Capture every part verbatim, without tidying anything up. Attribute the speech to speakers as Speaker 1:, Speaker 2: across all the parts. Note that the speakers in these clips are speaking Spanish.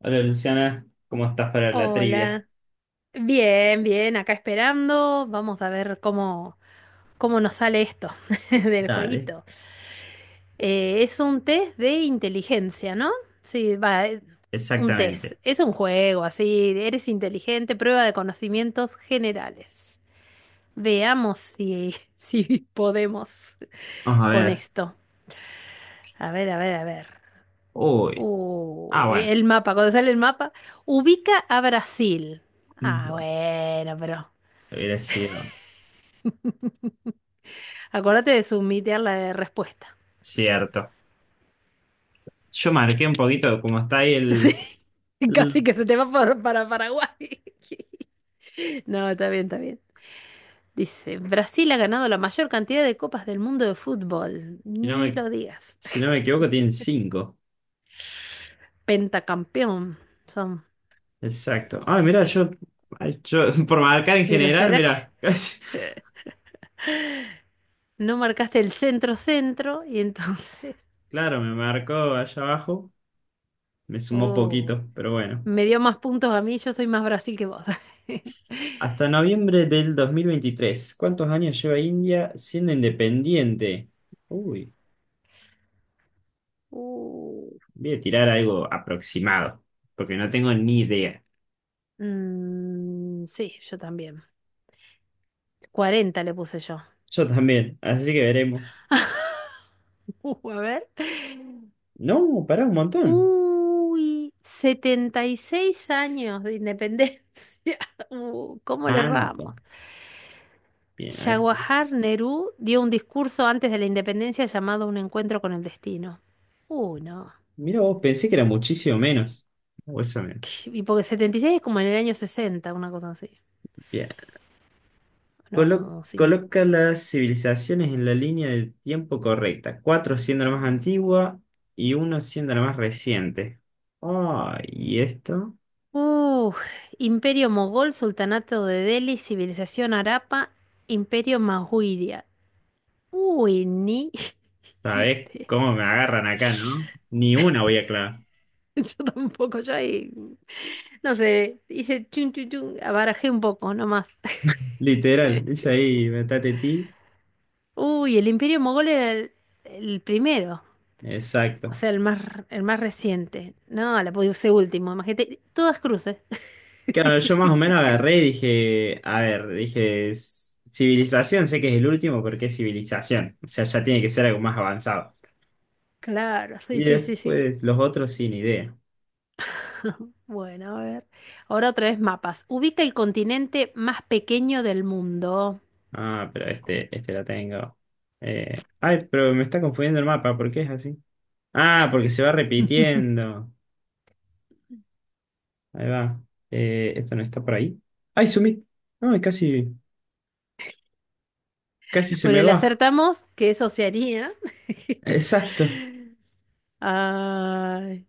Speaker 1: Hola Luciana, ¿cómo estás para la trivia?
Speaker 2: Hola. Bien, bien, acá esperando. Vamos a ver cómo, cómo nos sale esto del
Speaker 1: Dale,
Speaker 2: jueguito. Eh, es un test de inteligencia, ¿no? Sí, va, eh, un test.
Speaker 1: exactamente.
Speaker 2: Es un juego, así, eres inteligente, prueba de conocimientos generales. Veamos si, si podemos
Speaker 1: Vamos a
Speaker 2: con
Speaker 1: ver.
Speaker 2: esto. A ver, a ver, a ver.
Speaker 1: Uy. Ah,
Speaker 2: Uy,
Speaker 1: bueno.
Speaker 2: el mapa, cuando sale el mapa, ubica a Brasil. Ah,
Speaker 1: Bueno,
Speaker 2: bueno, pero...
Speaker 1: hubiera sido
Speaker 2: Acuérdate de submitear la respuesta.
Speaker 1: cierto. Yo marqué un poquito, como está ahí
Speaker 2: Sí,
Speaker 1: el, el-
Speaker 2: casi que se te va por- para Paraguay. No, está bien, está bien. Dice, Brasil ha ganado la mayor cantidad de copas del mundo de fútbol.
Speaker 1: si no
Speaker 2: Ni
Speaker 1: me,
Speaker 2: lo digas.
Speaker 1: si no me equivoco, tienen cinco.
Speaker 2: Pentacampeón son.
Speaker 1: Exacto. Ah mira, yo, ay, yo por marcar en
Speaker 2: Pero
Speaker 1: general,
Speaker 2: ¿será que
Speaker 1: mira, casi-
Speaker 2: no marcaste el centro-centro? Y entonces,
Speaker 1: claro, me marcó allá abajo, me sumó
Speaker 2: oh,
Speaker 1: poquito, pero bueno.
Speaker 2: me dio más puntos a mí, yo soy más Brasil que vos.
Speaker 1: Hasta noviembre del dos mil veintitrés. ¿Cuántos años lleva India siendo independiente? Uy,
Speaker 2: Uh,
Speaker 1: voy a tirar algo aproximado, porque no tengo ni idea.
Speaker 2: mm, sí, yo también. Cuarenta le puse yo.
Speaker 1: Yo también, así que veremos.
Speaker 2: Uh, a ver.
Speaker 1: No, pará un montón.
Speaker 2: Uy, setenta y seis años de independencia. Uh, ¿cómo le erramos?
Speaker 1: Tanto. Bien, a ver.
Speaker 2: Jawaharlal Nehru dio un discurso antes de la independencia llamado Un encuentro con el destino. Uy, no.
Speaker 1: Mira vos, pensé que era muchísimo menos. O eso menos.
Speaker 2: Qué- Y porque setenta y seis es como en el año sesenta, una cosa así.
Speaker 1: Bien. Colo-
Speaker 2: No, cinco.
Speaker 1: coloca las civilizaciones en la línea del tiempo correcta. Cuatro siendo la más antigua y uno siendo la más reciente. Ay, ¿y esto?
Speaker 2: Uh, Imperio Mogol, Sultanato de Delhi, Civilización Arapa, Imperio Mahuria. Uy, ni.
Speaker 1: ¿Sabés cómo me agarran acá, no? Ni una voy a clavar.
Speaker 2: Yo tampoco, yo ahí, no sé, hice chun chun chun, barajé un poco nomás.
Speaker 1: Literal, dice ahí, metate ti.
Speaker 2: Uy, el Imperio Mogol era el, el primero, o
Speaker 1: Exacto.
Speaker 2: sea, el más, el más reciente. No, la puse último, imagínate, todas cruces.
Speaker 1: Claro, yo más o menos agarré y dije, a ver, dije, "S- civilización, sé que es el último porque es civilización. O sea, ya tiene que ser algo más avanzado.
Speaker 2: Claro, sí,
Speaker 1: Y
Speaker 2: sí, sí, sí.
Speaker 1: después los otros sin idea.
Speaker 2: Bueno, a ver. Ahora otra vez mapas. Ubica el continente más pequeño del mundo.
Speaker 1: Ah, pero este, este la tengo. Eh, ay, pero me está confundiendo el mapa, ¿por qué es así? Ah, porque se va repitiendo. Ahí va. Eh, esto no está por ahí. Ay, Sumit. No, casi. Casi se me
Speaker 2: Bueno, le
Speaker 1: va.
Speaker 2: acertamos que es Oceanía.
Speaker 1: Exacto.
Speaker 2: Ay,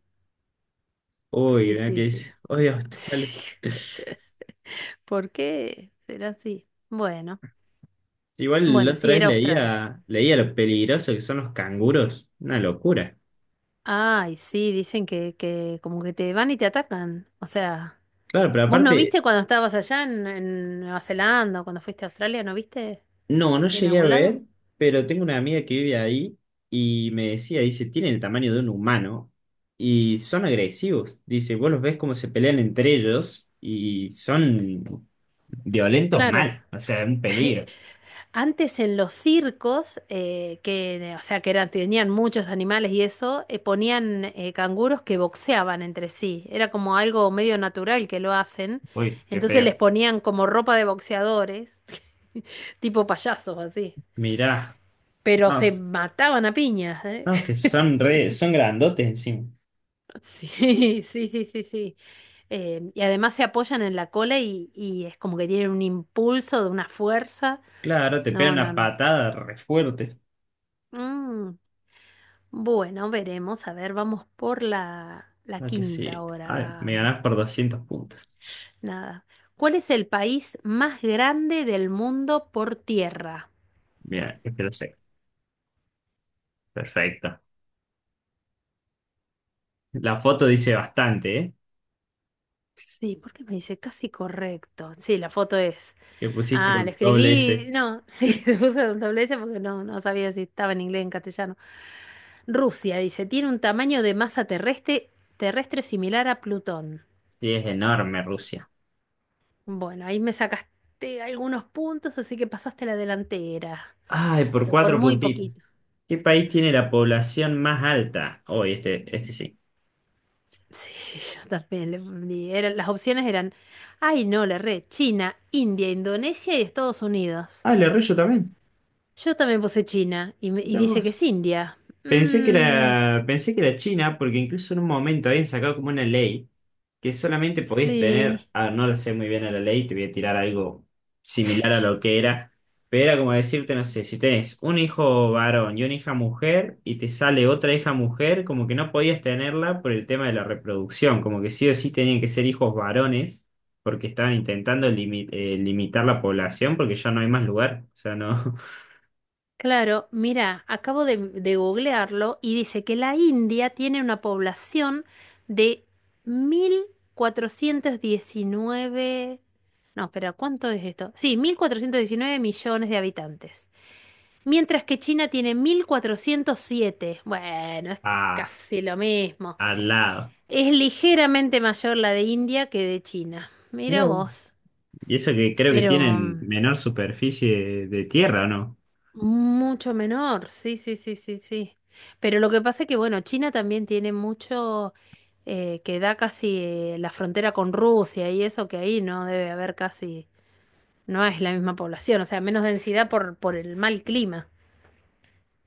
Speaker 1: Uy,
Speaker 2: sí,
Speaker 1: mira qué
Speaker 2: sí,
Speaker 1: dice.
Speaker 2: sí.
Speaker 1: Oye, Australia.
Speaker 2: ¿Por qué será así? Bueno,
Speaker 1: Igual la
Speaker 2: bueno, sí,
Speaker 1: otra vez
Speaker 2: era Australia.
Speaker 1: leía, leía lo peligroso que son los canguros. Una locura.
Speaker 2: Ay, sí, dicen que, que como que te van y te atacan. O sea,
Speaker 1: Claro, pero
Speaker 2: ¿vos no
Speaker 1: aparte,
Speaker 2: viste cuando estabas allá en, en Nueva Zelanda o cuando fuiste a Australia? ¿No viste
Speaker 1: no, no
Speaker 2: en
Speaker 1: llegué a
Speaker 2: algún lado?
Speaker 1: ver, pero tengo una amiga que vive ahí y me decía, dice, tienen el tamaño de un humano y son agresivos. Dice, vos los ves cómo se pelean entre ellos y son violentos
Speaker 2: Claro.
Speaker 1: mal. O sea, un peligro.
Speaker 2: Antes en los circos, eh, que, eh, o sea, que eran, tenían muchos animales y eso, eh, ponían eh, canguros que boxeaban entre sí. Era como algo medio natural que lo hacen.
Speaker 1: Uy, qué
Speaker 2: Entonces les
Speaker 1: feo.
Speaker 2: ponían como ropa de boxeadores, tipo payasos así.
Speaker 1: Mirá.
Speaker 2: Pero
Speaker 1: No,
Speaker 2: se mataban a piñas, ¿eh?
Speaker 1: no, que son re, son grandotes encima.
Speaker 2: Sí, sí, sí, sí, sí. Eh, y además se apoyan en la cola y, y es como que tienen un impulso de una fuerza.
Speaker 1: Claro, te pegan
Speaker 2: No,
Speaker 1: una
Speaker 2: no, no.
Speaker 1: patada re fuerte.
Speaker 2: Mm, Bueno, veremos. A ver, vamos por la, la
Speaker 1: Ah, que
Speaker 2: quinta
Speaker 1: sí. Ay,
Speaker 2: ahora.
Speaker 1: me ganás por doscientos puntos.
Speaker 2: Nada. ¿Cuál es el país más grande del mundo por tierra?
Speaker 1: Bien, es que lo sé. Perfecto. La foto dice bastante, ¿eh?
Speaker 2: Sí, porque me dice casi correcto. Sí, la foto es.
Speaker 1: Que pusiste
Speaker 2: Ah, la
Speaker 1: con doble
Speaker 2: escribí.
Speaker 1: S.
Speaker 2: No, sí, le puse un doble S porque no, no sabía si estaba en inglés o en castellano. Rusia, dice, tiene un tamaño de masa terrestre, terrestre similar a Plutón.
Speaker 1: Sí, es enorme Rusia.
Speaker 2: Bueno, ahí me sacaste algunos puntos, así que pasaste la delantera.
Speaker 1: Ay, por
Speaker 2: pero Por
Speaker 1: cuatro
Speaker 2: muy
Speaker 1: puntitos.
Speaker 2: poquito.
Speaker 1: ¿Qué país tiene la población más alta? Oh, y este, este sí.
Speaker 2: Sí, yo también. le poní- eran- las opciones eran, ay no, la red, China, India, Indonesia y Estados Unidos.
Speaker 1: Ah, el de Arroyo también.
Speaker 2: Yo también puse China y, me- y
Speaker 1: Mirá
Speaker 2: dice que es
Speaker 1: vos.
Speaker 2: India.
Speaker 1: Pensé que
Speaker 2: Mm,
Speaker 1: era, pensé que era China, porque incluso en un momento habían sacado como una ley que solamente podías tener,
Speaker 2: sí,
Speaker 1: ah, no lo sé muy bien a la ley, te voy a tirar algo similar a lo que era, pero era como decirte, no sé, si tenés un hijo varón y una hija mujer y te sale otra hija mujer, como que no podías tenerla por el tema de la reproducción, como que sí o sí tenían que ser hijos varones, porque estaban intentando limi- eh, limitar la población, porque ya no hay más lugar, o sea, no,
Speaker 2: claro, mira, acabo de, de googlearlo y dice que la India tiene una población de mil cuatrocientos diecinueve. No, espera, ¿cuánto es esto? Sí, mil cuatrocientos diecinueve millones de habitantes. Mientras que China tiene mil cuatrocientos siete. Bueno, es
Speaker 1: a,
Speaker 2: casi lo mismo.
Speaker 1: al lado.
Speaker 2: Es ligeramente mayor la de India que de China. Mira
Speaker 1: Mira.
Speaker 2: vos.
Speaker 1: Y eso que creo que
Speaker 2: Pero
Speaker 1: tienen
Speaker 2: mm,
Speaker 1: menor superficie de tierra, ¿o no?
Speaker 2: mucho menor. Sí, sí, sí, sí, sí. Pero lo que pasa es que, bueno, China también tiene mucho eh, que da casi eh, la frontera con Rusia y eso que ahí no debe haber casi, no es la misma población, o sea, menos densidad por, por el mal clima.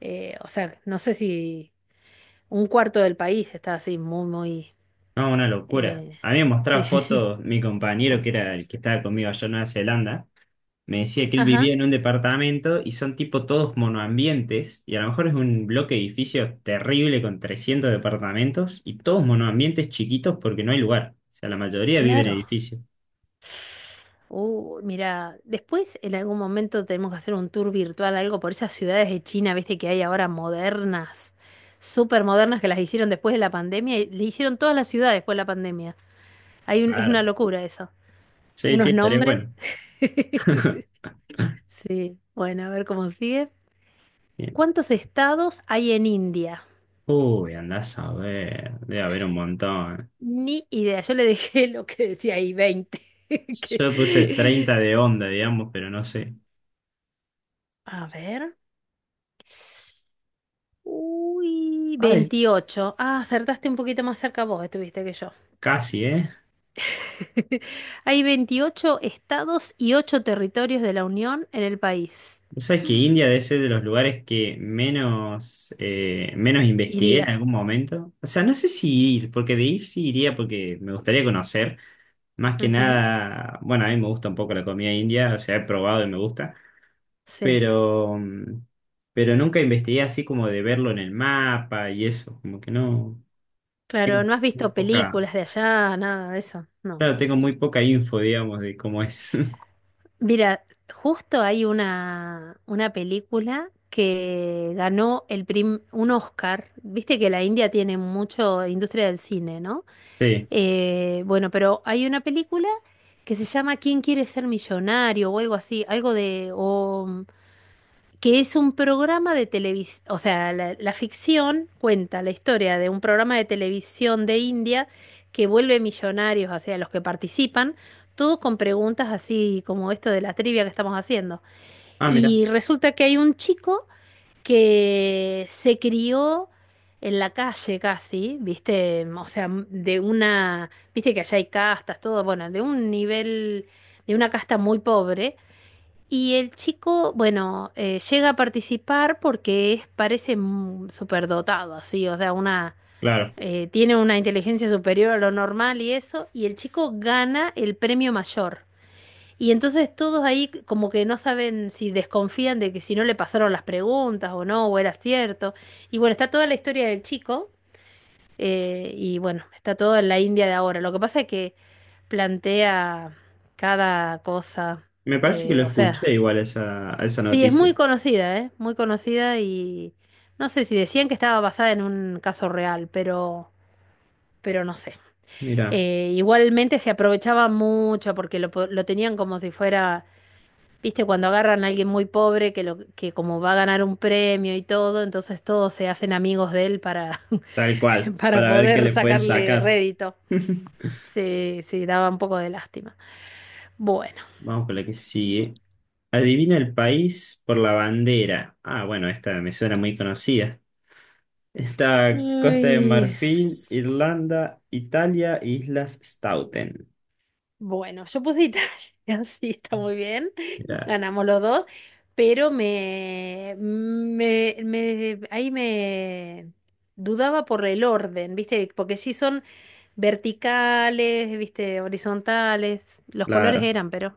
Speaker 2: Eh, o sea, no sé si un cuarto del país está así, muy, muy...
Speaker 1: No, una locura.
Speaker 2: eh,
Speaker 1: A mí me mostraba
Speaker 2: sí.
Speaker 1: fotos, mi compañero, que era el que estaba conmigo allá en Nueva Zelanda, me decía que él vivía
Speaker 2: Ajá,
Speaker 1: en un departamento y son tipo todos monoambientes, y a lo mejor es un bloque de edificios terrible con trescientos departamentos y todos monoambientes chiquitos porque no hay lugar. O sea, la mayoría vive en
Speaker 2: claro.
Speaker 1: edificios.
Speaker 2: Uh, mira, después en algún momento tenemos que hacer un tour virtual, algo por esas ciudades de China, viste, que hay ahora modernas, súper modernas, que las hicieron después de la pandemia, y le hicieron todas las ciudades después de la pandemia. Hay un- es una
Speaker 1: Claro.
Speaker 2: locura eso.
Speaker 1: Sí, sí,
Speaker 2: Unos
Speaker 1: estaría
Speaker 2: nombres.
Speaker 1: bueno.
Speaker 2: Sí, bueno, a ver cómo sigue.
Speaker 1: Bien.
Speaker 2: ¿Cuántos estados hay en India?
Speaker 1: Uy, andás a ver, debe haber un montón.
Speaker 2: Ni idea. Yo le dejé lo que decía ahí, veinte
Speaker 1: Yo
Speaker 2: que-
Speaker 1: le puse treinta de onda, digamos, pero no sé.
Speaker 2: a ver. Uy,
Speaker 1: Ay,
Speaker 2: veintiocho. Ah, acertaste un poquito más cerca vos, estuviste que yo.
Speaker 1: casi, ¿eh?
Speaker 2: Hay veintiocho estados y ocho territorios de la Unión en el país.
Speaker 1: O sea, que India debe ser de los lugares que menos, eh, menos investigué en
Speaker 2: Irías.
Speaker 1: algún momento. O sea, no sé si ir, porque de ir sí iría porque me gustaría conocer. Más que
Speaker 2: Ujú,
Speaker 1: nada, bueno, a mí me gusta un poco la comida india, o sea, he probado y me gusta,
Speaker 2: sí.
Speaker 1: pero, mm, pero nunca investigué así como de verlo en el mapa y eso, como que no.
Speaker 2: Claro,
Speaker 1: Tengo
Speaker 2: no has
Speaker 1: muy
Speaker 2: visto
Speaker 1: poca,
Speaker 2: películas de allá, nada de eso. No.
Speaker 1: claro, tengo muy poca info, digamos, de cómo es.
Speaker 2: Mira, justo hay una, una película que ganó el prim- un Oscar. Viste que la India tiene mucho industria del cine, ¿no?
Speaker 1: Sí.
Speaker 2: Eh, bueno, pero hay una película que se llama ¿Quién quiere ser millonario? O algo así, algo de, o que es un programa de televisión, o sea, la, la ficción cuenta la historia de un programa de televisión de India que vuelve millonarios hacia los que participan, todo con preguntas así como esto de la trivia que estamos haciendo.
Speaker 1: Ah, mira.
Speaker 2: Y resulta que hay un chico que se crió en la calle casi, viste, o sea, de una, viste que allá hay castas, todo, bueno, de un nivel, de una casta muy pobre, y el chico, bueno, eh, llega a participar porque es, parece mm, superdotado, así, o sea, una,
Speaker 1: Claro.
Speaker 2: eh, tiene una inteligencia superior a lo normal y eso, y el chico gana el premio mayor. Y entonces todos ahí como que no saben si desconfían de que si no le pasaron las preguntas o no, o era cierto. Y bueno, está toda la historia del chico, eh, y bueno, está todo en la India de ahora. Lo que pasa es que plantea cada cosa,
Speaker 1: Me parece que
Speaker 2: eh,
Speaker 1: lo
Speaker 2: o
Speaker 1: escuché
Speaker 2: sea...
Speaker 1: igual esa, esa
Speaker 2: Sí, es
Speaker 1: noticia.
Speaker 2: muy conocida, ¿eh? Muy conocida y no sé si decían que estaba basada en un caso real, pero, pero no sé.
Speaker 1: Mira,
Speaker 2: Eh, igualmente se aprovechaba mucho porque lo, po- lo tenían como si fuera, viste, cuando agarran a alguien muy pobre que, lo, que como va a ganar un premio y todo, entonces todos se hacen amigos de él para,
Speaker 1: tal cual,
Speaker 2: para
Speaker 1: para ver qué
Speaker 2: poder
Speaker 1: le pueden
Speaker 2: sacarle
Speaker 1: sacar.
Speaker 2: rédito. Sí, sí, daba un poco de lástima. Bueno.
Speaker 1: Vamos con la que sigue. Adivina el país por la bandera. Ah, bueno, esta me suena muy conocida. Está Costa de
Speaker 2: Uy,
Speaker 1: Marfil, Irlanda, Italia, Islas Stauten.
Speaker 2: bueno, yo puse Italia, sí, está muy bien,
Speaker 1: Mira,
Speaker 2: ganamos los dos, pero me, me, me- ahí me dudaba por el orden, ¿viste? Porque sí son verticales, ¿viste? Horizontales, los colores
Speaker 1: claro.
Speaker 2: eran, pero...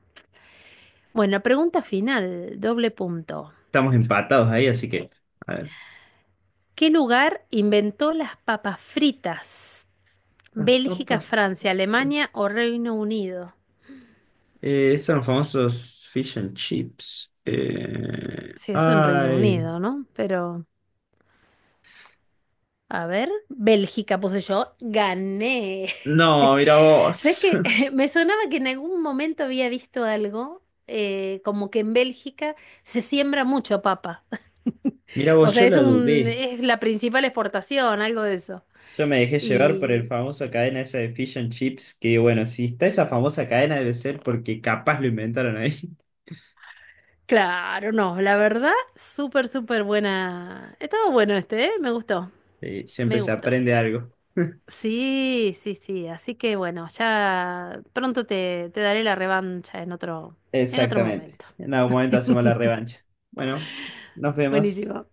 Speaker 2: Bueno, pregunta final, doble punto.
Speaker 1: Estamos empatados ahí, así que. A ver.
Speaker 2: ¿Qué lugar inventó las papas fritas?
Speaker 1: Las
Speaker 2: ¿Bélgica,
Speaker 1: papas,
Speaker 2: Francia,
Speaker 1: pues.
Speaker 2: Alemania o Reino Unido?
Speaker 1: Eh, son los famosos fish and chips. Eh,
Speaker 2: Sí, eso en Reino
Speaker 1: ay.
Speaker 2: Unido, ¿no? Pero... A ver, Bélgica puse yo, gané.
Speaker 1: No, mira
Speaker 2: ¿Sabes
Speaker 1: vos.
Speaker 2: que me sonaba que en algún momento había visto algo, eh, como que en Bélgica se siembra mucho papa.
Speaker 1: Mira
Speaker 2: O
Speaker 1: vos,
Speaker 2: sea,
Speaker 1: yo
Speaker 2: es
Speaker 1: la
Speaker 2: un,
Speaker 1: dudé.
Speaker 2: es la principal exportación, algo de eso.
Speaker 1: Yo me dejé llevar por el
Speaker 2: Y
Speaker 1: famoso cadena esa de Fish and Chips, que bueno, si está esa famosa cadena debe ser porque capaz lo inventaron ahí.
Speaker 2: claro, no, la verdad, súper, súper buena. Estaba bueno este, ¿eh? Me gustó,
Speaker 1: Sí, siempre
Speaker 2: me
Speaker 1: se
Speaker 2: gustó.
Speaker 1: aprende algo.
Speaker 2: Sí, sí, sí. Así que bueno, ya pronto te, te daré la revancha en otro, en otro
Speaker 1: Exactamente.
Speaker 2: momento.
Speaker 1: En algún momento hacemos la revancha. Bueno, nos vemos.
Speaker 2: Buenísimo.